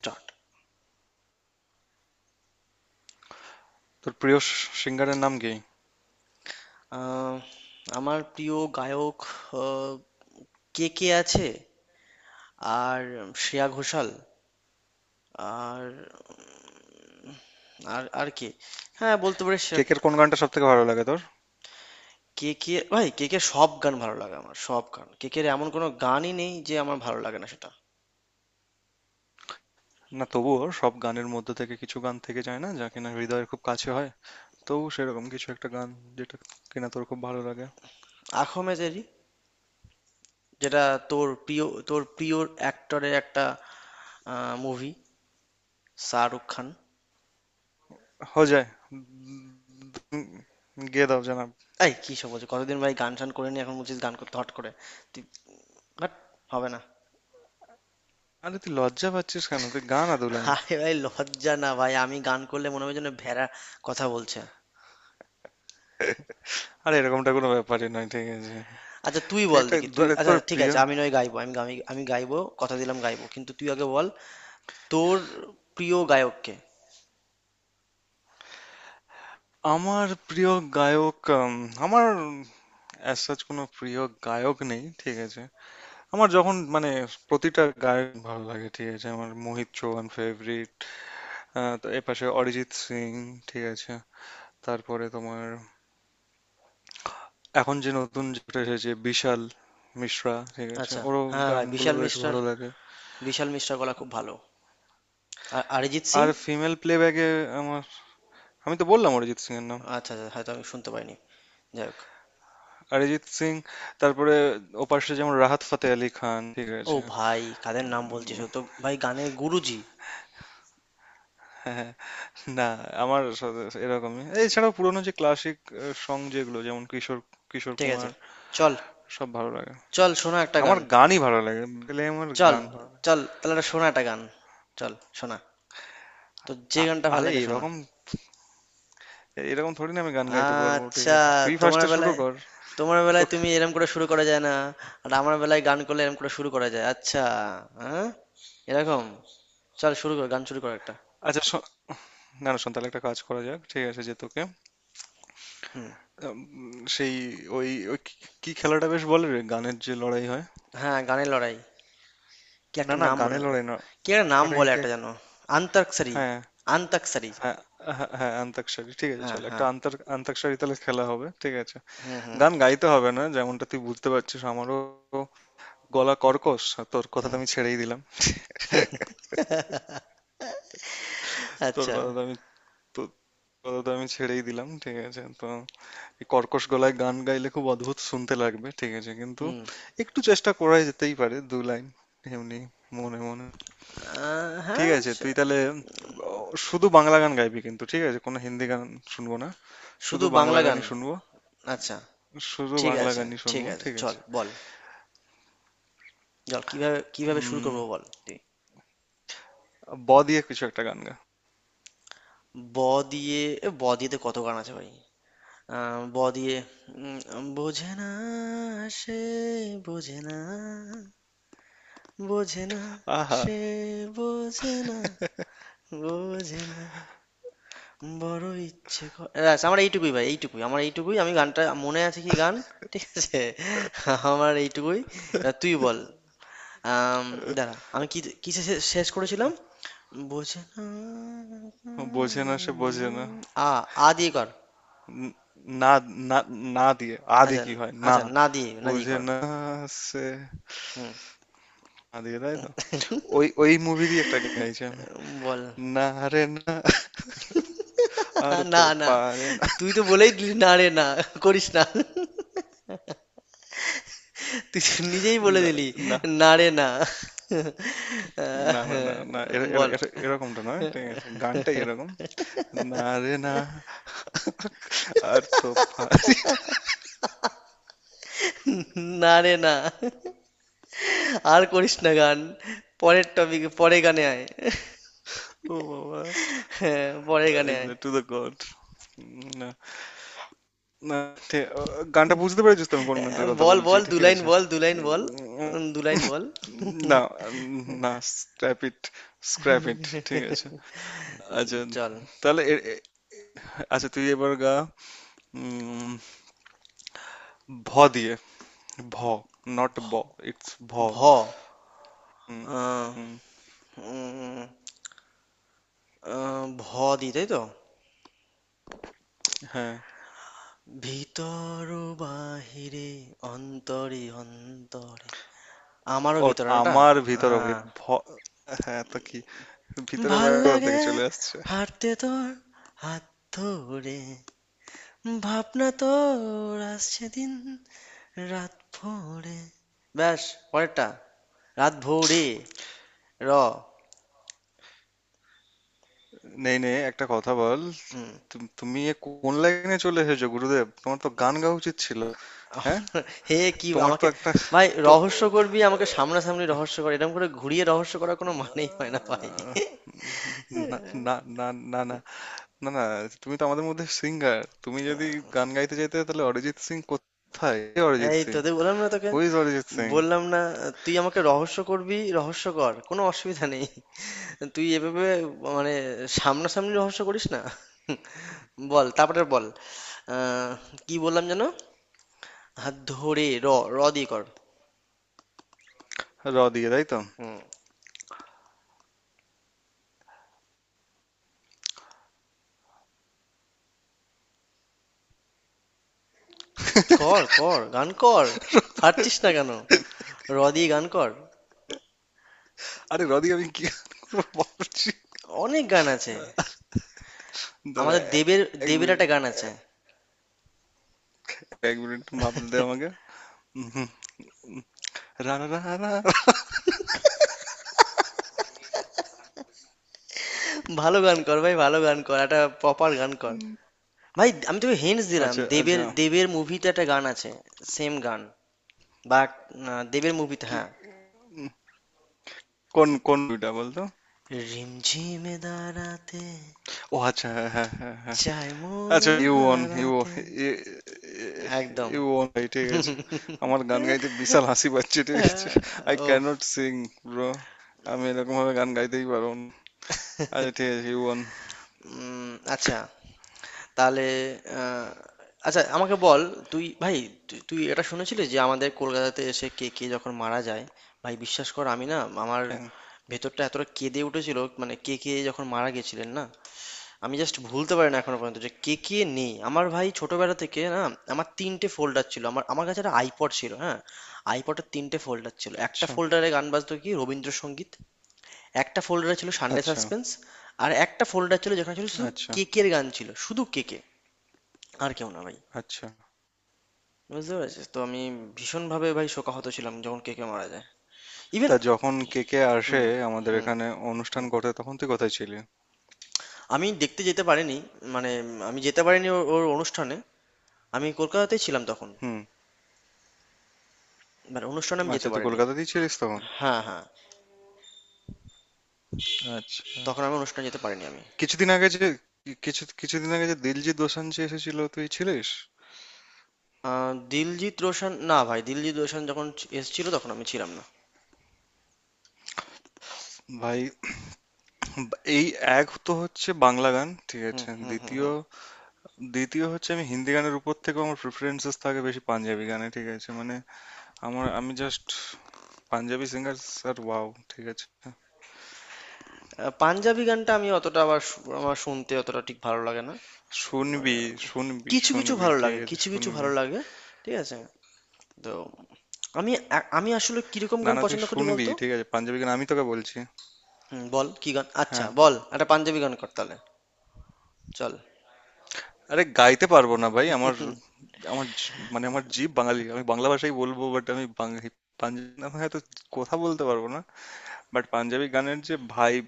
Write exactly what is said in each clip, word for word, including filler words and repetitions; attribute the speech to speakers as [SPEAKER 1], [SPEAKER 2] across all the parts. [SPEAKER 1] Start.
[SPEAKER 2] তোর প্রিয় স- সিঙ্গারের নাম কি?
[SPEAKER 1] আমার প্রিয় গায়ক কে কে আছে? আর শ্রেয়া ঘোষাল। আর আর আর কে? হ্যাঁ, বলতে পারি শ্রেয়া।
[SPEAKER 2] কেকের কোন গানটা সব থেকে ভালো লাগে তোর?
[SPEAKER 1] কে কে, ভাই, কে কে সব গান ভালো লাগে আমার। সব গান কে কে, এমন কোনো গানই নেই যে আমার ভালো লাগে না সেটা।
[SPEAKER 2] না তবুও সব গানের মধ্যে থেকে কিছু গান থেকে যায় না যা কিনা হৃদয়ের খুব কাছে হয়। তবু সেরকম কিছু একটা গান যেটা কিনা তোর খুব ভালো লাগে
[SPEAKER 1] আখমেদ এরি যেটা তোর প্রিয় তোর প্রিয় অ্যাক্টরের একটা মুভি, শাহরুখ খান।
[SPEAKER 2] হয়ে যায়। উম, গেয়ে দাও জানাব।
[SPEAKER 1] এই কি সব বলছে, কতদিন ভাই গান শান করে নি, এখন বলছিস গান করতে হট করে। তুই, বাট হবে না।
[SPEAKER 2] আরে তুই লজ্জা পাচ্ছিস কেন? তুই গান আদু লাইন।
[SPEAKER 1] আরে ভাই, লজ্জা না ভাই, আমি গান করলে মনে হবে যেন ভেড়া কথা বলছে।
[SPEAKER 2] আরে এরকমটা কোনো ব্যাপারই নয়, ঠিক আছে?
[SPEAKER 1] আচ্ছা তুই
[SPEAKER 2] তুই
[SPEAKER 1] বল
[SPEAKER 2] এটা,
[SPEAKER 1] দেখি তুই,
[SPEAKER 2] আরে
[SPEAKER 1] আচ্ছা
[SPEAKER 2] তোর
[SPEAKER 1] ঠিক
[SPEAKER 2] প্রিয়।
[SPEAKER 1] আছে, আমি নয় গাইবো, আমি আমি আমি গাইবো, কথা দিলাম গাইবো, কিন্তু তুই আগে বল। তোর প্রিয় গায়ককে।
[SPEAKER 2] আমার প্রিয় গায়ক, উম, আমার অ্যাজ কোনো প্রিয় গায়ক নেই, ঠিক আছে? আমার যখন মানে প্রতিটা গায়ক ভালো লাগে, ঠিক আছে? আমার মোহিত চৌহান ফেভারিট, তো এপাশে অরিজিৎ সিং, ঠিক আছে? তারপরে তোমার এখন যে নতুন যেটা এসেছে বিশাল মিশ্রা, ঠিক আছে,
[SPEAKER 1] আচ্ছা।
[SPEAKER 2] ওরও
[SPEAKER 1] হ্যাঁ ভাই,
[SPEAKER 2] গানগুলো
[SPEAKER 1] বিশাল
[SPEAKER 2] বেশ
[SPEAKER 1] মিশ্রার,
[SPEAKER 2] ভালো লাগে।
[SPEAKER 1] বিশাল মিশ্রার গলা খুব ভালো। আর অরিজিৎ সিং।
[SPEAKER 2] আর ফিমেল প্লেব্যাকে আমার, আমি তো বললাম অরিজিৎ সিং এর নাম।
[SPEAKER 1] আচ্ছা আচ্ছা, হয়তো আমি শুনতে পাইনি। যাই হোক।
[SPEAKER 2] অরিজিৎ সিং, তারপরে ওপাশে যেমন রাহাত ফাতে আলি খান, ঠিক
[SPEAKER 1] ও
[SPEAKER 2] আছে?
[SPEAKER 1] ভাই, কাদের নাম বলছিস, ও তো ভাই গানের গুরুজি।
[SPEAKER 2] হ্যাঁ, হ্যাঁ। না, আমার সাথে এরকমই। এছাড়াও পুরোনো যে ক্লাসিক সং যেগুলো, যেমন কিশোর কিশোর
[SPEAKER 1] ঠিক আছে।
[SPEAKER 2] কুমার,
[SPEAKER 1] চল।
[SPEAKER 2] সব ভালো লাগে।
[SPEAKER 1] চল শোনা একটা
[SPEAKER 2] আমার
[SPEAKER 1] গান।
[SPEAKER 2] গানই ভালো লাগে, গেলে আমার
[SPEAKER 1] চল
[SPEAKER 2] গান ভালো লাগে।
[SPEAKER 1] চল তাহলে একটা শোনা একটা গান। চল, শোনা। তো যে
[SPEAKER 2] আ-
[SPEAKER 1] গানটা ভালো
[SPEAKER 2] আরে
[SPEAKER 1] লাগে শোনা।
[SPEAKER 2] এরকম, এরকম থোড়ি না আমি গান গাইতে পারবো, ঠিক
[SPEAKER 1] আচ্ছা।
[SPEAKER 2] আছে? তুই
[SPEAKER 1] তোমার
[SPEAKER 2] ফার্স্টে শুরু
[SPEAKER 1] বেলায়
[SPEAKER 2] কর।
[SPEAKER 1] তোমার বেলায়
[SPEAKER 2] তোকে,
[SPEAKER 1] তুমি এরম করে শুরু করা যায় না। আর আমার বেলায় গান করলে এরম করে শুরু করা যায়, আচ্ছা। হ্যাঁ। এরকম। চল, শুরু কর, গান শুরু কর একটা।
[SPEAKER 2] আচ্ছা শো- না না, শোন, তাহলে একটা কাজ করা যাক, ঠিক আছে, যে তোকে
[SPEAKER 1] হুম।
[SPEAKER 2] উম, সেই ওই ওই কি, কি খেলাটা বেশ বলে রে, গানের যে লড়াই হয়?
[SPEAKER 1] হ্যাঁ, গানের লড়াই, কি
[SPEAKER 2] না
[SPEAKER 1] একটা
[SPEAKER 2] না,
[SPEAKER 1] নাম
[SPEAKER 2] গানে
[SPEAKER 1] বলে,
[SPEAKER 2] লড়াই না,
[SPEAKER 1] কি একটা নাম
[SPEAKER 2] ওটা
[SPEAKER 1] বলে
[SPEAKER 2] কি
[SPEAKER 1] একটা
[SPEAKER 2] এক-
[SPEAKER 1] যেন। আন্তাক্ষরী।
[SPEAKER 2] হ্যাঁ,
[SPEAKER 1] আন্তাক্ষরী।
[SPEAKER 2] হ্যাঁ হ্যাঁ হ্যাঁ আন্তাক্ষরী, ঠিক আছে,
[SPEAKER 1] হ্যাঁ,
[SPEAKER 2] চল একটা
[SPEAKER 1] হ্যাঁ।
[SPEAKER 2] আন্তর আন্তাক্ষরী তাহলে খেলা হবে, ঠিক আছে?
[SPEAKER 1] হুম, হুম।
[SPEAKER 2] গান গাইতে হবে না, যেমনটা তুই বুঝতে পারছিস আমারও গলা কর্কশ, আর তোর কথা তো আমি ছেড়েই দিলাম। তোর
[SPEAKER 1] আচ্ছা।
[SPEAKER 2] কথা তো আমি তো কথা তো আমি ছেড়েই দিলাম, ঠিক আছে? তো এই কর্কশ গলায় গান গাইলে খুব অদ্ভুত শুনতে লাগবে, ঠিক আছে? কিন্তু
[SPEAKER 1] হুম।
[SPEAKER 2] একটু চেষ্টা করাই যেতেই পারে দু লাইন, এমনি মনে মনে।
[SPEAKER 1] আহ,
[SPEAKER 2] ঠিক
[SPEAKER 1] হ্যাঁ,
[SPEAKER 2] আছে, তুই
[SPEAKER 1] সে-
[SPEAKER 2] তাহলে আহ, শুধু বাংলা গান গাইবি কিন্তু, ঠিক আছে? কোনো হিন্দি গান শুনবো না, শুধু
[SPEAKER 1] শুধু
[SPEAKER 2] বাংলা
[SPEAKER 1] বাংলা গান।
[SPEAKER 2] গানই শুনবো।
[SPEAKER 1] আচ্ছা।
[SPEAKER 2] শুধু
[SPEAKER 1] ঠিক
[SPEAKER 2] বাংলা
[SPEAKER 1] আছে।
[SPEAKER 2] গানই
[SPEAKER 1] ঠিক
[SPEAKER 2] শুনবো,
[SPEAKER 1] আছে
[SPEAKER 2] ঠিক
[SPEAKER 1] চল,
[SPEAKER 2] আছে?
[SPEAKER 1] বল। চল, কিভাবে কিভাবে শুরু
[SPEAKER 2] উম,
[SPEAKER 1] করবো বল তুই।
[SPEAKER 2] ব দিয়ে কিছু একটা গান গা।
[SPEAKER 1] ব দিয়ে। এ ব দিয়ে তো কত গান আছে ভাই। আহ, ব দিয়ে। উম, বোঝে না, সে বোঝে না, বোঝে না,
[SPEAKER 2] আহা,
[SPEAKER 1] সে বোঝে না, বোঝে না বড় ইচ্ছে করে। ব্যাস আমার এইটুকুই ভাই, এইটুকুই, আমার এইটুকুই, আমি গানটা মনে আছে কি গান। ঠিক আছে। আমার এইটুকুই। এবার তুই বল। আম, দাঁড়া, আমি কি, কিসে শে- শেষ করেছিলাম। বোঝে না।
[SPEAKER 2] বোঝে না, সে বোঝে না।
[SPEAKER 1] আ। আ দিয়ে কর।
[SPEAKER 2] ন- না, না, না দিয়ে আ দিয়ে
[SPEAKER 1] আচ্ছা।
[SPEAKER 2] কি হয় না?
[SPEAKER 1] আচ্ছা, না দিয়ে, না দিয়ে
[SPEAKER 2] বোঝে
[SPEAKER 1] কর।
[SPEAKER 2] না সে,
[SPEAKER 1] হুম।
[SPEAKER 2] আ দিয়ে তাই তো? ওই ওই মুভিরই একটা গান গাইছি আমি।
[SPEAKER 1] উম, বল।
[SPEAKER 2] না রে না, আর তো
[SPEAKER 1] না, না।
[SPEAKER 2] পারে না
[SPEAKER 1] তুই তো বলেই দিলি, না রে না, করিস না। তুই তো নিজেই বলে
[SPEAKER 2] না,
[SPEAKER 1] দিলি,
[SPEAKER 2] না
[SPEAKER 1] না রে না।
[SPEAKER 2] না না না না এর- এর-
[SPEAKER 1] বল,
[SPEAKER 2] এর- এরকমটা নয়, ঠিক আছে, গানটাই এরকম। না রে না, আর তো পারে।
[SPEAKER 1] না রে না। আর করিস না গান, পরের টপিক, পরে গানে আয়।
[SPEAKER 2] ও বাবা,
[SPEAKER 1] হ্যাঁ, পরে গানে আয়।
[SPEAKER 2] To the God. না, না, ঠিক- ও, গানটা বুঝতে পেরেছিস তো, আমি কোন গানটার কথা
[SPEAKER 1] বল,
[SPEAKER 2] বলছি?
[SPEAKER 1] বল, দু
[SPEAKER 2] ঠিক
[SPEAKER 1] লাইন
[SPEAKER 2] আছে।
[SPEAKER 1] বল, দু লাইন বল।
[SPEAKER 2] উম,
[SPEAKER 1] উম, দু লাইন বল।
[SPEAKER 2] না, না, স্ক্র্যাপ ইট, স্ক্র্যাপ ইট, ঠিক আছে। আচ্ছা,
[SPEAKER 1] চল।
[SPEAKER 2] তাহলে এ- এ- আচ্ছা তুই এবার গা। উম, ভ দিয়ে, ভ, নট ব, ইটস ভ।
[SPEAKER 1] ভ।
[SPEAKER 2] হুম।
[SPEAKER 1] আহ,
[SPEAKER 2] হুম।
[SPEAKER 1] উম, আহ, ভ দি তাই তো।
[SPEAKER 2] হ্যাঁ।
[SPEAKER 1] ভিতর ও বাহিরে, অন্তরে অন্তরে, আমারও
[SPEAKER 2] ও,
[SPEAKER 1] ভিতরে নাটা।
[SPEAKER 2] আমার ভিতরে।
[SPEAKER 1] হ্যাঁ।
[SPEAKER 2] ভ, হ্যাঁ, তো কি? ভিতরে
[SPEAKER 1] ভাল
[SPEAKER 2] বাইরে কোথা থেকে
[SPEAKER 1] লাগে
[SPEAKER 2] চলে আসছে?
[SPEAKER 1] হাঁটতে তোর হাত ধরে, ভাবনা তোর আসছে দিন রাত ভোরে। ব্যাস, পরেরটা। রাত ভোরে, র।
[SPEAKER 2] নেই নেই একটা কথা বল।
[SPEAKER 1] হুম।
[SPEAKER 2] তুম- তুমি এ কোন লাইনে চলে এসেছো গুরুদেব? তোমার তো গান গাওয়া উচিত ছিল। হ্যাঁ,
[SPEAKER 1] হে কি
[SPEAKER 2] তোমার তো
[SPEAKER 1] আমাকে।
[SPEAKER 2] একটা,
[SPEAKER 1] ভাই,
[SPEAKER 2] তো
[SPEAKER 1] রহস্য করবি আমাকে সামনাসামনি রহস্য কর, এরকম করে ঘুরিয়ে রহস্য করার কোনো মানেই হয় না ভাই।
[SPEAKER 2] আহ, না, না না না না না না তুমি তো আমাদের মধ্যে সিঙ্গার, তুমি যদি গান গাইতে চাইতে তাহলে অরিজিৎ সিং কোথায়? কে অরিজিৎ
[SPEAKER 1] এই
[SPEAKER 2] সিং?
[SPEAKER 1] তোদের বললাম না, তোকে
[SPEAKER 2] হু ইজ অরিজিৎ সিং?
[SPEAKER 1] বললাম না, তুই আমাকে রহস্য করবি রহস্য কর, কোনো অসুবিধা নেই। তুই এভাবে, মানে, সামনাসামনি রহস্য করিস না। বল, তারপরে বল। আহ, কি বললাম যেন, হাত ধরে র। র দিয়ে কর।
[SPEAKER 2] র দিয়ে, তাই তো?
[SPEAKER 1] হুম। কর, কর গান কর, পারছিস না কেন, র দিয়ে গান কর,
[SPEAKER 2] আরে র দিয়ে আমি কি গান করবো ভাবছি।
[SPEAKER 1] অনেক গান আছে।
[SPEAKER 2] দাঁড়া,
[SPEAKER 1] আমাদের দেবের
[SPEAKER 2] এক
[SPEAKER 1] দেবের একটা গান আছে।
[SPEAKER 2] মিনিট, এক মিনিট ভাবতে দে আমাকে। উম, হুম। রা রা রা রা।
[SPEAKER 1] ভালো গান কর ভাই, ভালো গান কর, একটা প্রপার গান কর। ভাই আমি তোকে হিন্টস দিলাম,
[SPEAKER 2] আচ্ছা,
[SPEAKER 1] দেবের
[SPEAKER 2] আচ্ছা,
[SPEAKER 1] দেবের মুভিতে একটা গান আছে। সেম গান, বাট দেবের মুভিতে,
[SPEAKER 2] কি,
[SPEAKER 1] হ্যাঁ।
[SPEAKER 2] কোন কোন মুভিটা বলতো?
[SPEAKER 1] রিমঝিমে দাঁড়াতে,
[SPEAKER 2] ও আচ্ছা, হ্যাঁ, হ্যাঁ হ্যাঁ হ্যাঁ।
[SPEAKER 1] চাই মন
[SPEAKER 2] আচ্ছা, ইউ ওয়ান, ইউ,
[SPEAKER 1] হারাতে। একদম।
[SPEAKER 2] You one. ঠিক আছে। আমার গান গাইতে বিশাল হাসি পাচ্ছে, ঠিক আছে। আই
[SPEAKER 1] ও
[SPEAKER 2] ক্যান নট সিং, ব্রো। আমি এরকম ভাবে গান গাইতেই পারবো না। আচ্ছা ঠিক আছে, ইউ ওয়ান।
[SPEAKER 1] আচ্ছা। তাহলে আহ, আচ্ছা আমাকে বল, তুই ভাই, তুই তুই এটা শুনেছিলি যে আমাদের কলকাতাতে এসে কে কে যখন মারা যায়, ভাই বিশ্বাস কর আমি না, আমার
[SPEAKER 2] হ্যাঁ।
[SPEAKER 1] ভেতরটা এতটা কেঁদে উঠেছিল, মানে কে কে যখন মারা গেছিলেন না, আমি জাস্ট ভুলতে পারি না এখনো পর্যন্ত যে কে কে নেই আমার। ভাই ছোটবেলা থেকে না, আমার তিনটে ফোল্ডার ছিল, আমার, আমার কাছে একটা আইপড ছিল, হ্যাঁ। আইপডের তিনটে ফোল্ডার ছিল, একটা
[SPEAKER 2] আচ্ছা
[SPEAKER 1] ফোল্ডারে গান বাজতো কি রবীন্দ্রসঙ্গীত, একটা ফোল্ডারে ছিল সানডে
[SPEAKER 2] আচ্ছা
[SPEAKER 1] সাসপেন্স, আর একটা ফোল্ডার ছিল যেখানে ছিল শুধু
[SPEAKER 2] আচ্ছা
[SPEAKER 1] কেকের গান, ছিল শুধু কেকে, আর কেউ না ভাই।
[SPEAKER 2] আচ্ছা
[SPEAKER 1] বুঝতে পেরেছিস তো, আমি ভীষণভাবে ভাই শোকাহত ছিলাম যখন কেকে মারা যায়, ইভেন।
[SPEAKER 2] তা যখন কে কে আসে
[SPEAKER 1] হুম,
[SPEAKER 2] আমাদের
[SPEAKER 1] হুম।
[SPEAKER 2] এখানে অনুষ্ঠান করতে, তখন তুই কোথায় ছিলি?
[SPEAKER 1] আমি দেখতে যেতে পারিনি, মানে আমি যেতে পারিনি ওর ওর অনুষ্ঠানে। আমি কলকাতাতেই ছিলাম তখন,
[SPEAKER 2] হুম।
[SPEAKER 1] মানে অনুষ্ঠানে আমি
[SPEAKER 2] আচ্ছা,
[SPEAKER 1] যেতে
[SPEAKER 2] তুই
[SPEAKER 1] পারিনি।
[SPEAKER 2] কলকাতাতেই ছিলিস তখন।
[SPEAKER 1] হ্যাঁ, হ্যাঁ।
[SPEAKER 2] আচ্ছা।
[SPEAKER 1] তখন আমি অনুষ্ঠানে যেতে পারিনি আমি।
[SPEAKER 2] কিছুদিন আগে যে, কিছু কিছুদিন আগে যে দিলজিৎ দোসাঞ্জ যে এসেছিল তুই ছিলিস?
[SPEAKER 1] আ, দিলজিৎ রোশান না ভাই, দিলজিৎ রোশান যখন ছি এসেছিল তখন আমি ছিলাম না।
[SPEAKER 2] ভাই এই, এক তো হচ্ছে বাংলা গান, ঠিক
[SPEAKER 1] হুম,
[SPEAKER 2] আছে,
[SPEAKER 1] হুম, হুম,
[SPEAKER 2] দ্বিতীয়,
[SPEAKER 1] হুম।
[SPEAKER 2] দ্বিতীয় হচ্ছে আমি হিন্দি গানের উপর থেকেও আমার প্রিফারেন্সেস থাকে বেশি পাঞ্জাবি গানে, ঠিক আছে? মানে আমার, আমি just Punjabi singer sir wow, ঠিক আছে?
[SPEAKER 1] আ, পাঞ্জাবি গানটা আমি অতটা আবার শু আমার শুনতে অতটা ঠিক ভালো লাগে না। মানে
[SPEAKER 2] শুনবি শুনবি
[SPEAKER 1] কিছু, কিছু
[SPEAKER 2] শুনবি,
[SPEAKER 1] ভালো
[SPEAKER 2] ঠিক
[SPEAKER 1] লাগে,
[SPEAKER 2] আছে,
[SPEAKER 1] কিছু, কিছু
[SPEAKER 2] শুনবি।
[SPEAKER 1] ভালো লাগে। ঠিক আছে? তো আমি, আ, আমি আসলে কিরকম
[SPEAKER 2] না
[SPEAKER 1] গান
[SPEAKER 2] না, তুই
[SPEAKER 1] পছন্দ করি
[SPEAKER 2] শুনবি,
[SPEAKER 1] বলতো?
[SPEAKER 2] ঠিক আছে, পাঞ্জাবি গান আমি তোকে বলছি।
[SPEAKER 1] হুম, বল কি গান? আচ্ছা
[SPEAKER 2] হ্যাঁ,
[SPEAKER 1] বল, একটা পাঞ্জাবি গান কর তাহলে। চল।
[SPEAKER 2] আরে গাইতে পারবো না ভাই আমার, আমার জি- মানে আমার জিভ বাঙালি, আমি বাংলা ভাষাই বলবো, বাট আমি বাঙালি, পাঞ্জাবি না, হয়তো কথা বলতে পারবো না। বাট পাঞ্জাবি গানের যে ভাইব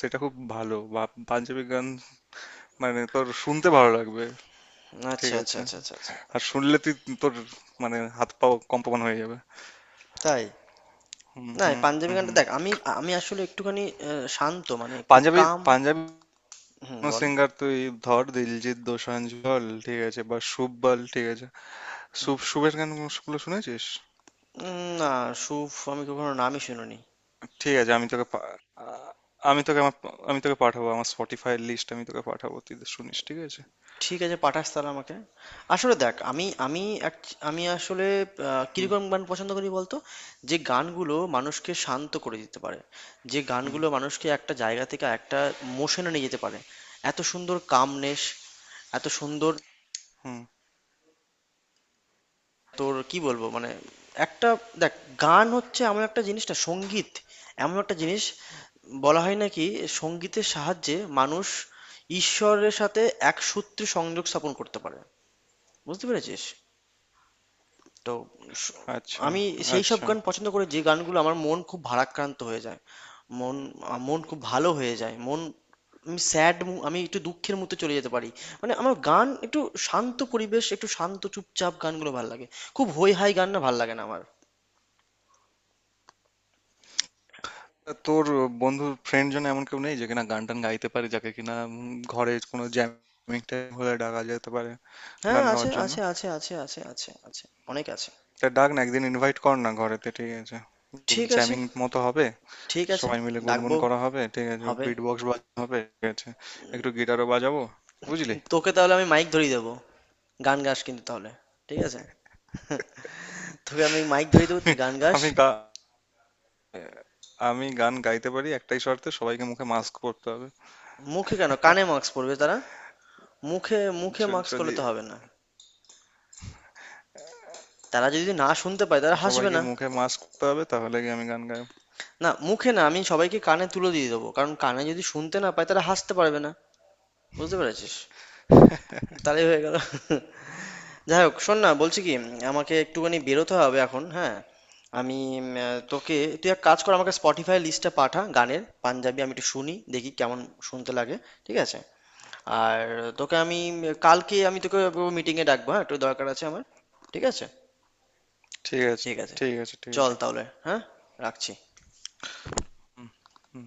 [SPEAKER 2] সেটা খুব ভালো, বা পাঞ্জাবি গান মানে তোর শুনতে ভালো লাগবে, ঠিক
[SPEAKER 1] আচ্ছা, আচ্ছা,
[SPEAKER 2] আছে?
[SPEAKER 1] আচ্ছা, আচ্ছা, আচ্ছা।
[SPEAKER 2] আর শুনলে তুই, তোর মানে হাত পা কম্পমান হয়ে যাবে।
[SPEAKER 1] তাই?
[SPEAKER 2] হুম
[SPEAKER 1] না, এই
[SPEAKER 2] হুম।
[SPEAKER 1] পাঞ্জাবি
[SPEAKER 2] হুম
[SPEAKER 1] গানটা
[SPEAKER 2] হুম।
[SPEAKER 1] দেখ আমি, আমি আসলে একটুখানি অ্যা, শান্ত মানে একটু
[SPEAKER 2] পাঞ্জাবি,
[SPEAKER 1] কাম।
[SPEAKER 2] পাঞ্জাবি
[SPEAKER 1] হুম, বল।
[SPEAKER 2] সিঙ্গার তুই ধর দিলজিৎ দোসাঞ্জ বল, ঠিক আছে, বা শুভ বল, ঠিক আছে? শুভ শুভের গানগুলো শুনেছিস?
[SPEAKER 1] উম, না, স্যুপ আমি কখনো নামই শুনিনি।
[SPEAKER 2] ঠিক আছে, আমি তোকে পা- আ- আমি তোকে আমার, আমি তোকে পাঠাবো আমার স্পটিফাই লিস্ট, আমি তোকে পাঠাবো, তুই শুনিস, ঠিক আছে?
[SPEAKER 1] ঠিক আছে পাঠাস তাহলে আমাকে। আসলে দেখ আমি, আমি act- আমি আসলে আহ,
[SPEAKER 2] হুম
[SPEAKER 1] কিরকম গান পছন্দ করি বলতো, যে গানগুলো মানুষকে শান্ত করে দিতে পারে, যে
[SPEAKER 2] হুম।
[SPEAKER 1] গানগুলো মানুষকে একটা জায়গা থেকে একটা মোশনে নিয়ে যেতে পারে। এত সুন্দর কামনেস, এত সুন্দর,
[SPEAKER 2] হুম।
[SPEAKER 1] তোর কি বলবো, মানে, একটা। দেখ, গান হচ্ছে এমন একটা জিনিস না, সঙ্গীত এমন একটা জিনিস, বলা হয় নাকি সঙ্গীতের সাহায্যে মানুষ ঈশ্বরের সাথে এক সূত্রে সংযোগ স্থাপন করতে পারে। বুঝতে পেরেছিস তো। স-
[SPEAKER 2] আচ্ছা,
[SPEAKER 1] আমি সেই সব
[SPEAKER 2] আচ্ছা।
[SPEAKER 1] গান পছন্দ করি যে গানগুলো আমার, মন খুব ভারাক্রান্ত হয়ে যায়, মন, আ- মন খুব ভালো হয়ে যায়, মন। আমি স্যাড, আমি একটু দুঃখের মধ্যে চলে যেতে পারি, মানে আমার গান একটু শান্ত পরিবেশ, একটু শান্ত চুপচাপ গানগুলো ভাল লাগে। খুব হই হাই গান না, ভাল লাগে না আমার।
[SPEAKER 2] তা তোর বন্ধু, ফ্রেন্ড জন, এমন কেউ নেই যে কিনা গান টান গাইতে পারে, যাকে কিনা উম, ঘরে কোনো জ্যামিং টাইম হলে ডাকা যেতে পারে
[SPEAKER 1] হ্যাঁ,
[SPEAKER 2] গান
[SPEAKER 1] আছে,
[SPEAKER 2] গাওয়ার জন্য?
[SPEAKER 1] আছে, আছে, আছে, আছে, আছে, আছে। অনেক আছে।
[SPEAKER 2] তা ডাক না একদিন, ইনভাইট কর না ঘরেতে, ঠিক আছে?
[SPEAKER 1] ঠিক আছে।
[SPEAKER 2] জ্যামিং মতো হবে,
[SPEAKER 1] ঠিক আছে,
[SPEAKER 2] সবাই মিলে গুনগুন
[SPEAKER 1] ডাকবো,
[SPEAKER 2] করা হবে, ঠিক আছে,
[SPEAKER 1] হবে।
[SPEAKER 2] বিট বক্স বাজানো হবে, ঠিক আছে, একটু গিটারও বাজাবো, বুঝলি?
[SPEAKER 1] তোকে তাহলে আমি মাইক ধরিয়ে দেবো, গান গাস কিন্তু তাহলে, ঠিক আছে, তোকে আমি মাইক ধরিয়ে দেবো, তুই গান গাস।
[SPEAKER 2] আমি গা আমি গান গাইতে পারি একটাই শর্তে, সবাইকে মুখে মাস্ক পরতে হবে।
[SPEAKER 1] মুখে কেন, কানে মাস্ক পরবে তারা, মুখে মুখে
[SPEAKER 2] য-
[SPEAKER 1] মাস্ক করলে
[SPEAKER 2] যদি
[SPEAKER 1] তো হবে না, তারা যদি না শুনতে পায় তারা হাসবে
[SPEAKER 2] সবাইকে
[SPEAKER 1] না।
[SPEAKER 2] মুখে মাস্ক পরতে হবে, তাহলে কি আমি গান গাই।
[SPEAKER 1] না মুখে না, আমি সবাইকে কানে তুলে দিয়ে দেবো, কারণ কানে যদি শুনতে না পায় তারা হাসতে পারবে না। বুঝতে পেরেছিস, তাহলেই হয়ে গেল। যাই হোক, শোন না বলছি কি, আমাকে একটুখানি বেরোতে হবে এখন, হ্যাঁ। আমি উম, আহ, তোকে, তুই এক কাজ কর, আমাকে স্পটিফাই লিস্টটা পাঠা গানের পাঞ্জাবি, আমি একটু শুনি দেখি কেমন শুনতে লাগে। ঠিক আছে। আর তোকে আমি কালকে আমি তোকে মিটিংয়ে ডাকবো, হ্যাঁ একটু দরকার আছে আমার। ঠিক আছে।
[SPEAKER 2] ঠিক আছে।
[SPEAKER 1] ঠিক আছে।
[SPEAKER 2] ঠিক আছে, ঠিক
[SPEAKER 1] চল
[SPEAKER 2] আছে।
[SPEAKER 1] তাহলে, হ্যাঁ, রাখছি।
[SPEAKER 2] হুম। হুম।